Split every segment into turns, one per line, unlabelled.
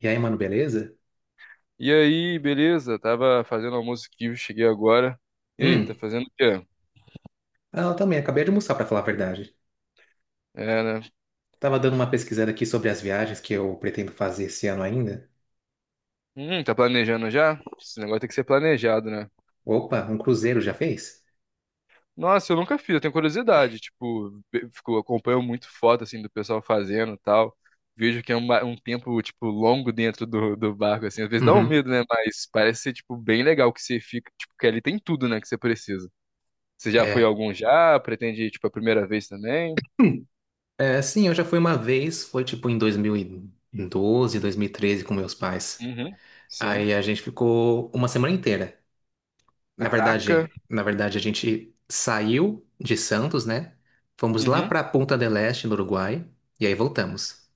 E aí, mano, beleza?
E aí, beleza? Tava fazendo almoço aqui, eu cheguei agora. E aí, tá
Hum,
fazendo o quê?
ela também, acabei de almoçar, pra falar a verdade.
É, né?
Tava dando uma pesquisada aqui sobre as viagens que eu pretendo fazer esse ano ainda.
Tá planejando já? Esse negócio tem que ser planejado, né?
Opa, um cruzeiro já fez?
Nossa, eu nunca fiz, eu tenho curiosidade. Tipo, fico, acompanho muito foto, assim, do pessoal fazendo e tal. Vejo que é um tempo, tipo, longo dentro do barco, assim. Às vezes dá um
Uhum.
medo, né? Mas parece ser, tipo, bem legal que você fica. Tipo, que ali tem tudo, né? Que você precisa. Você já foi
É,
algum já? Pretende, ir, tipo, a primeira vez também?
sim, eu já fui uma vez, foi tipo em 2012, 2013 com meus pais.
Uhum. Sim.
Aí a gente ficou uma semana inteira. Na
Caraca.
verdade, na verdade a gente saiu de Santos, né? Fomos lá
Uhum.
pra Punta del Este, no Uruguai, e aí voltamos.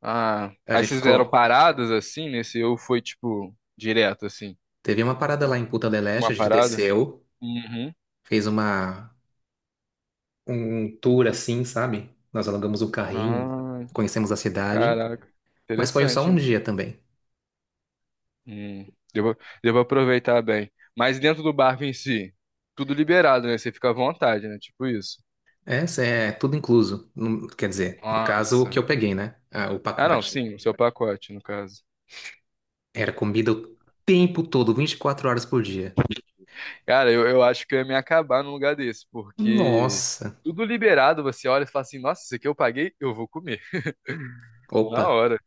Ah,
A
aí
gente
vocês
ficou,
fizeram paradas assim nesse ou foi tipo direto assim?
teve uma parada
Ou
lá em Punta del Este,
uma
a gente
parada?
desceu.
Uhum.
Fez uma Um tour assim, sabe? Nós alugamos o carrinho,
Ah,
conhecemos a cidade,
caraca.
mas foi só
Interessante,
um
hein?
dia também.
Hum, devo, devo aproveitar bem. Mas dentro do barco em si, tudo liberado, né? Você fica à vontade, né? Tipo isso.
Essa é tudo incluso. Não- quer dizer, no caso o
Nossa.
que eu peguei, né? Ah, o
Ah, não,
pacote.
sim, o seu pacote, no caso.
Era comida o tempo todo, 24 horas por dia.
Cara, eu acho que eu ia me acabar num lugar desse, porque
Nossa.
tudo liberado, você olha e fala assim, nossa, isso aqui eu paguei, eu vou comer. Na
Opa.
hora.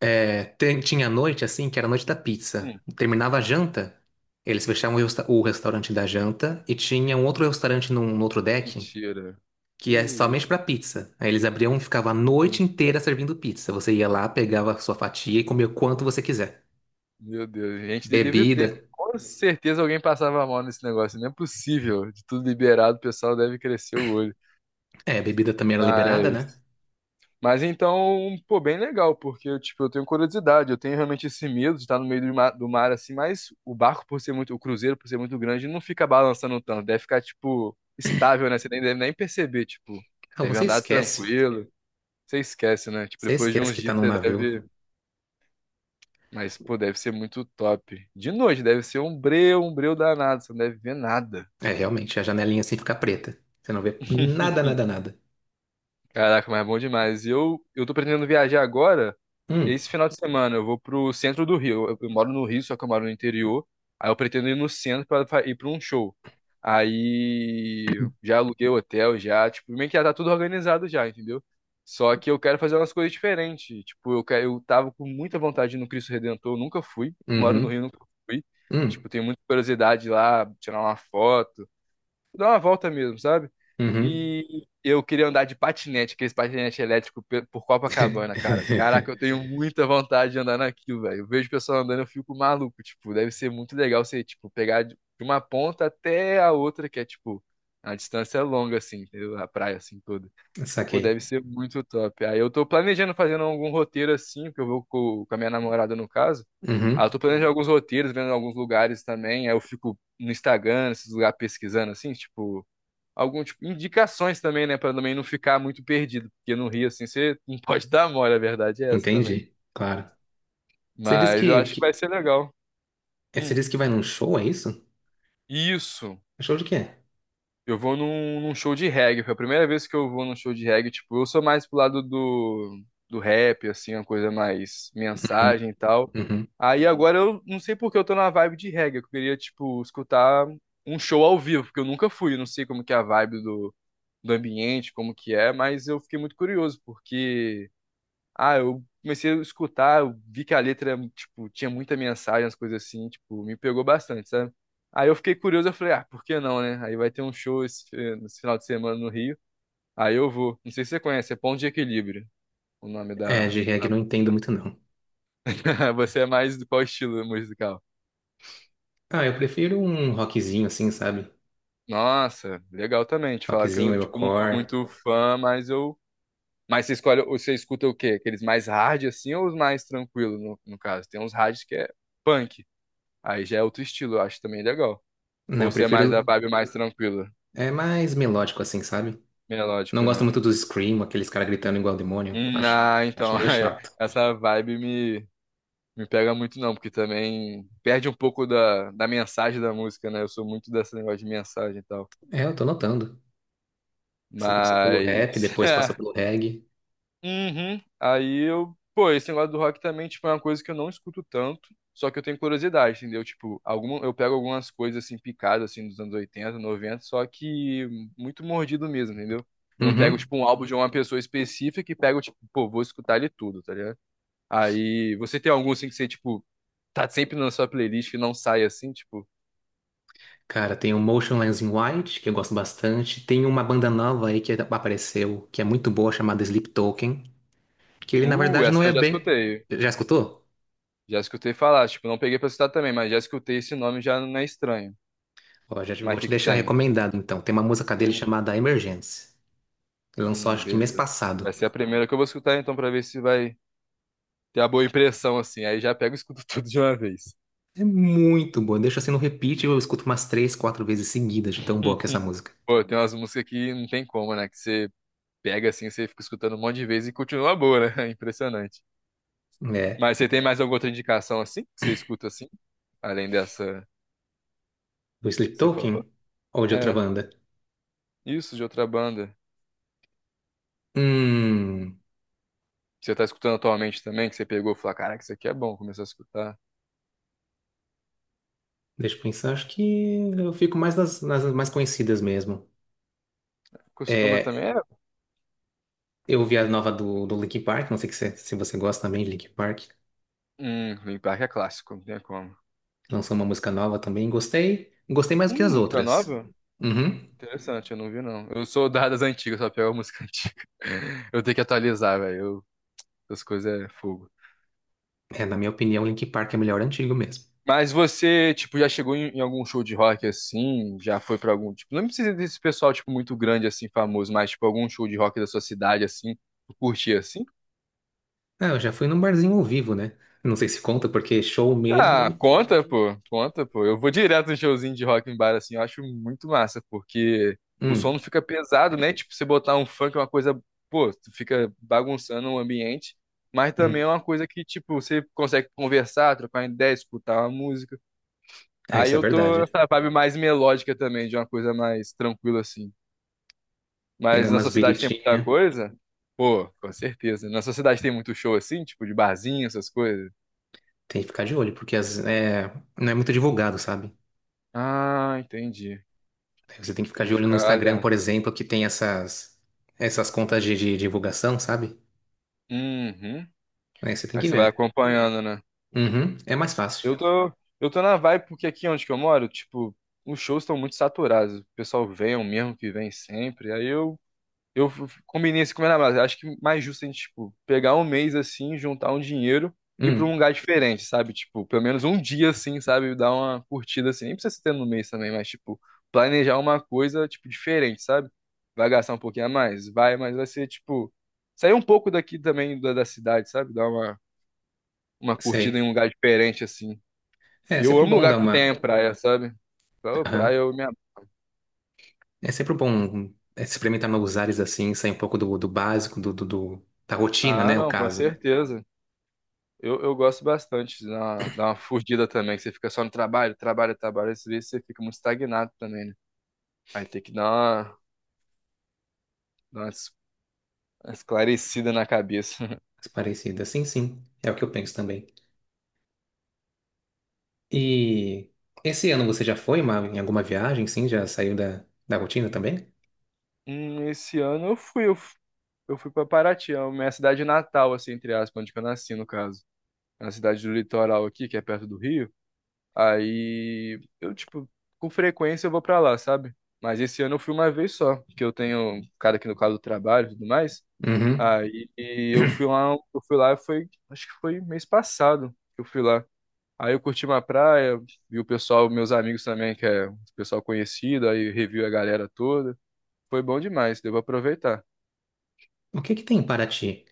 É, tem- tinha noite assim, que era a noite da pizza.
Hum.
Terminava a janta, eles fechavam o, resta- o restaurante da janta e tinha um outro restaurante num, num outro deck
Mentira. Que
que é somente
isso?
pra pizza. Aí eles abriam e ficavam a noite
Sim.
inteira servindo pizza. Você ia lá, pegava a sua fatia e comia o quanto você quiser.
Meu Deus, gente de livre
Bebida,
prêmio. Com certeza alguém passava mal nesse negócio. Não é possível. De tudo liberado, o pessoal deve crescer o olho.
é, bebida também era liberada, né?
Mas, mas então, pô, bem legal, porque eu, tipo, eu tenho curiosidade, eu tenho realmente esse medo de estar no meio do mar assim, mas o barco por ser muito, o cruzeiro por ser muito grande, não fica balançando tanto, deve ficar, tipo, estável, né? Você nem deve nem perceber, tipo,
Ah,
deve
você
andar
esquece.
tranquilo. Você esquece, né? Tipo,
Você
depois de
esquece
uns
que tá
dias
num
você
navio.
deve. Mas, pô, deve ser muito top. De noite, deve ser um breu danado. Você não deve ver nada.
É, realmente, a janelinha assim fica preta. Você não vê nada, nada, nada.
Caraca, mas é bom demais. E eu tô pretendendo viajar agora.
Hum,
Esse final de semana eu vou pro centro do Rio. Eu moro no Rio, só que eu moro no interior. Aí eu pretendo ir no centro pra ir pra um show. Aí já aluguei o hotel, já, tipo, meio que já tá tudo organizado já, entendeu? Só que eu quero fazer umas coisas diferentes. Tipo, eu tava com muita vontade de ir no Cristo Redentor, eu nunca fui. Moro no Rio,
uhum,
nunca fui. Tipo,
hum,
tenho muita curiosidade lá, tirar uma foto, dar uma volta mesmo, sabe?
uhum.
E eu queria andar de patinete, aqueles patinete elétrico por Copacabana, cara. Caraca, eu tenho muita vontade de andar naquilo, velho. Eu vejo o pessoal andando, eu fico maluco, tipo, deve ser muito legal você, tipo, pegar de uma ponta até a outra, que é, tipo, a distância é longa, assim, entendeu? A praia, assim, toda. Pô, deve
Saquei.
ser muito top. Aí eu tô planejando fazendo algum roteiro, assim, porque eu vou com, a minha namorada, no caso. Ah, eu tô
Uhum,
planejando alguns roteiros, vendo alguns lugares também. Aí eu fico no Instagram, esses lugares pesquisando, assim, tipo algum tipo indicações também, né, pra também não ficar muito perdido, porque no Rio assim você não pode dar mole, a verdade é essa também.
entendi, claro. Você disse
Mas eu
que,
acho que vai
que,
ser legal.
você
Hum.
disse que vai num show, é isso?
Isso.
Show de quê?
Eu vou num show de reggae. Foi a primeira vez que eu vou num show de reggae. Tipo, eu sou mais pro lado do, do rap, assim, uma coisa mais
Uhum,
mensagem e tal.
uhum.
Aí agora eu não sei por que eu tô na vibe de reggae. Eu queria, tipo, escutar um show ao vivo, porque eu nunca fui. Eu não sei como que é a vibe do, do ambiente, como que é, mas eu fiquei muito curioso, porque ah, eu comecei a escutar, eu vi que a letra, tipo, tinha muita mensagem, as coisas assim, tipo, me pegou bastante, sabe? Aí eu fiquei curioso, eu falei, ah, por que não, né? Aí vai ter um show nesse final de semana no Rio. Aí eu vou. Não sei se você conhece, é Ponto de Equilíbrio, o nome
É,
da,
de reggae
da...
não entendo muito, não.
Você é mais do qual estilo musical?
Ah, eu prefiro um rockzinho assim, sabe?
Nossa, legal também. Te falar que
Rockzinho,
eu, tipo, não sou
metalcore.
muito fã, mas eu. Mas você escolhe, você escuta o quê? Aqueles mais hard assim ou os mais tranquilos, no caso? Tem uns hard que é punk. Aí já é outro estilo, eu acho também legal.
Não,
Ou
eu
você é mais da
prefiro
vibe mais tranquila,
é mais melódico assim, sabe? Não
melódico,
gosto
né?
muito do scream, aqueles caras gritando igual demônio. Acho meio
É,
chato.
essa me pega muito não, porque também perde um pouco da mensagem da música, né? Eu sou muito desse negócio de mensagem e tal.
É, eu tô notando. Você passou pelo rap,
Mas
depois passou pelo reggae.
Uhum. Aí eu, pô, esse negócio do rock também, tipo, é uma coisa que eu não escuto tanto, só que eu tenho curiosidade, entendeu? Tipo, alguma, eu pego algumas coisas assim picadas assim dos anos 80 90 só que muito mordido mesmo, entendeu? Eu não pego
Uhum.
tipo um álbum de uma pessoa específica e pego tipo, pô, vou escutar ele tudo, tá ligado? Aí você tem algum assim que você tipo tá sempre na sua playlist e não sai assim, tipo,
Cara, tem o Motionless in White, que eu gosto bastante. Tem uma banda nova aí que apareceu, que é muito boa, chamada Sleep Token, que ele na verdade não
essa
é
eu já
bem.
escutei.
Já escutou?
Já escutei falar, tipo, não peguei pra citar também, mas já escutei esse nome já não é estranho.
Ó, já te-
Mas
vou
o
te
que que
deixar
tem?
recomendado então. Tem uma música dele
Hum.
chamada Emergence. Ele lançou acho que mês
Beleza.
passado.
Vai ser a primeira que eu vou escutar então pra ver se vai ter a boa impressão assim. Aí já pego e escuto tudo de uma vez.
É muito boa. Deixa assim no repeat, eu escuto umas três, quatro vezes seguidas de tão boa que é essa música.
Pô, tem umas músicas que não tem como, né? Que você pega assim, você fica escutando um monte de vezes e continua boa, né? É impressionante.
É.
Mas você tem mais alguma outra indicação assim? Que você escuta assim? Além dessa
Do Sleep
que você
Token?
falou?
Ou de outra
É,
banda?
isso de outra banda.
Hum.
Que você tá escutando atualmente também, que você pegou e falou, caraca, isso aqui é bom, começou a escutar.
Deixa eu pensar, acho que eu fico mais nas mais conhecidas mesmo.
Costuma
É,
também é.
eu ouvi a nova do, do Linkin Park, não sei que se você gosta também de Linkin Park.
Linkin Park é clássico, não tem como.
Lançou uma música nova também, gostei. Gostei mais do que as
Música
outras.
nova?
Uhum.
Interessante, eu não vi não. Eu sou das antigas, só pego a música antiga. Eu tenho que atualizar, velho. Eu- as coisas é fogo.
É, na minha opinião, Linkin Park é melhor antigo mesmo.
Mas você, tipo, já chegou em algum show de rock assim? Já foi pra algum, tipo, não precisa desse pessoal, tipo, muito grande assim, famoso, mas tipo, algum show de rock da sua cidade assim, tu curtia assim?
Ah, eu já fui num barzinho ao vivo, né? Não sei se conta, porque show
Ah,
mesmo.
conta, pô. Conta, pô. Eu vou direto no showzinho de rock em bar, assim. Eu acho muito massa, porque o som não
Hum,
fica pesado, né? Tipo, você botar um funk é uma coisa, pô, tu fica bagunçando o ambiente, mas também é
hum.
uma coisa que, tipo, você consegue conversar, trocar ideia, escutar uma música.
É,
Aí
isso é
eu tô
verdade.
nessa vibe mais melódica também, de uma coisa mais tranquila, assim.
Pegar
Mas na
umas
sociedade tem muita
biritinhas,
coisa? Pô, com certeza. Na sociedade tem muito show, assim, tipo, de barzinho, essas coisas.
tem que ficar de olho, porque não é muito divulgado, sabe?
Ah, entendi.
Aí você tem que ficar
Tem
de
que
olho no
ficar
Instagram,
olhando.
por exemplo, que tem essas contas de divulgação, sabe?
Uhum.
Aí você tem
Aí
que
você vai
ver.
acompanhando, né?
Uhum, é mais fácil.
Eu tô, eu tô na vibe porque aqui onde que eu moro, tipo, os shows estão muito saturados. O pessoal vem, é o mesmo que vem sempre. Aí eu combinei assim com a minha namorada. Acho que mais justo a gente, tipo, pegar um mês assim, juntar um dinheiro e ir pra um
Hum,
lugar diferente, sabe? Tipo, pelo menos um dia assim, sabe? Dar uma curtida assim. Nem precisa ser no mês também, mas, tipo, planejar uma coisa, tipo, diferente, sabe? Vai gastar um pouquinho a mais? Vai, mas vai ser, tipo, sair um pouco daqui também da cidade, sabe? Dar uma curtida em
sei.
um lugar diferente, assim.
É, é
E eu
sempre
amo
bom
lugar
dar
que tem
uma.
praia, sabe? Pô, praia
Aham.
eu me... ab-
É sempre bom é, experimentar novos ares assim, sair um pouco do, do básico, do, do, do- da rotina,
ah,
né? O
não, com
caso.
certeza. Eu gosto bastante de dar uma fugida também, que você fica só no trabalho, trabalho, trabalho, às vezes você fica muito estagnado também, né? Aí tem que dar uma es- uma esclarecida na cabeça.
Parecida, sim, sim. É o que eu penso também. E esse ano você já foi uma- em alguma viagem, sim? Já saiu da, da rotina também?
Esse ano eu fui pra Paraty, é a minha cidade natal, assim, entre aspas, onde que eu nasci, no caso. É uma cidade do litoral aqui, que é perto do Rio. Aí eu, tipo, com frequência eu vou pra lá, sabe? Mas esse ano eu fui uma vez só, porque eu tenho um cara aqui no caso do trabalho e tudo mais.
Uhum.
Aí eu fui lá, foi, acho que foi mês passado que eu fui lá. Aí eu curti uma praia, vi o pessoal, meus amigos também, que é um pessoal conhecido, aí revi a galera toda. Foi bom demais, devo aproveitar.
O que que tem em Paraty?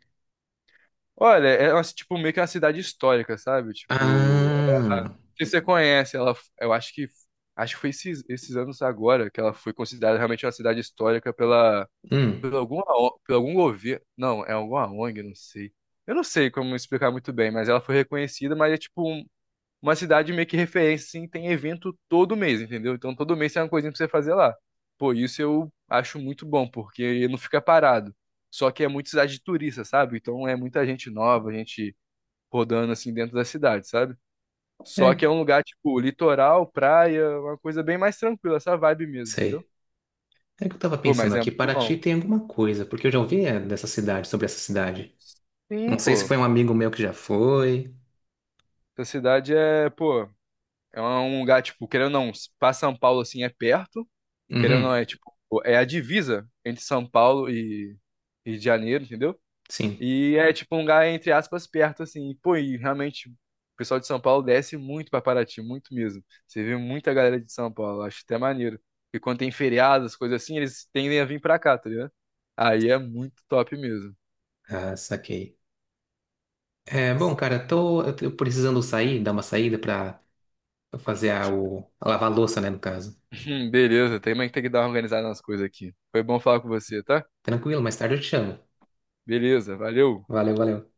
Olha, é tipo meio que uma cidade histórica, sabe? Tipo,
Ah,
se você conhece, ela, eu acho que foi esses anos agora que ela foi considerada realmente uma cidade histórica pela
hum,
por alguma O- por algum governo, não, é alguma ONG, não sei. Eu não sei como explicar muito bem, mas ela foi reconhecida, mas é tipo uma cidade meio que referência, assim, tem evento todo mês, entendeu? Então todo mês tem uma coisinha pra você fazer lá. Pô, isso eu acho muito bom, porque não fica parado. Só que é muita cidade de turista, sabe? Então é muita gente nova, gente rodando assim dentro da cidade, sabe? Só que
é,
é um lugar, tipo, litoral, praia, uma coisa bem mais tranquila, essa vibe mesmo, entendeu?
sei. É que eu tava
Pô, mas
pensando
é
aqui,
muito
Paraty
bom.
tem alguma coisa, porque eu já ouvi é, dessa cidade, sobre essa cidade. Não
Sim,
sei se
pô.
foi um amigo meu que já foi.
Essa cidade é, pô, é um lugar, tipo, querendo ou não, pra São Paulo, assim, é perto. Querendo ou não, é,
Uhum,
tipo, é a divisa entre São Paulo e Janeiro, entendeu?
sim.
E é tipo um lugar, entre aspas, perto, assim. E, pô, e realmente o pessoal de São Paulo desce muito pra Paraty, muito mesmo. Você vê muita galera de São Paulo, acho até maneiro. Porque quando tem feriados, coisas assim, eles tendem a vir pra cá, tá ligado? Aí é muito top mesmo.
Ah, saquei. É, bom, cara, eu tô precisando sair, dar uma saída pra fazer a, o, a lavar a louça, né, no caso.
Beleza, também tem que dar uma organizada nas coisas aqui. Foi bom falar com você, tá?
Tranquilo, mais tarde eu te chamo.
Beleza, valeu.
Valeu, valeu.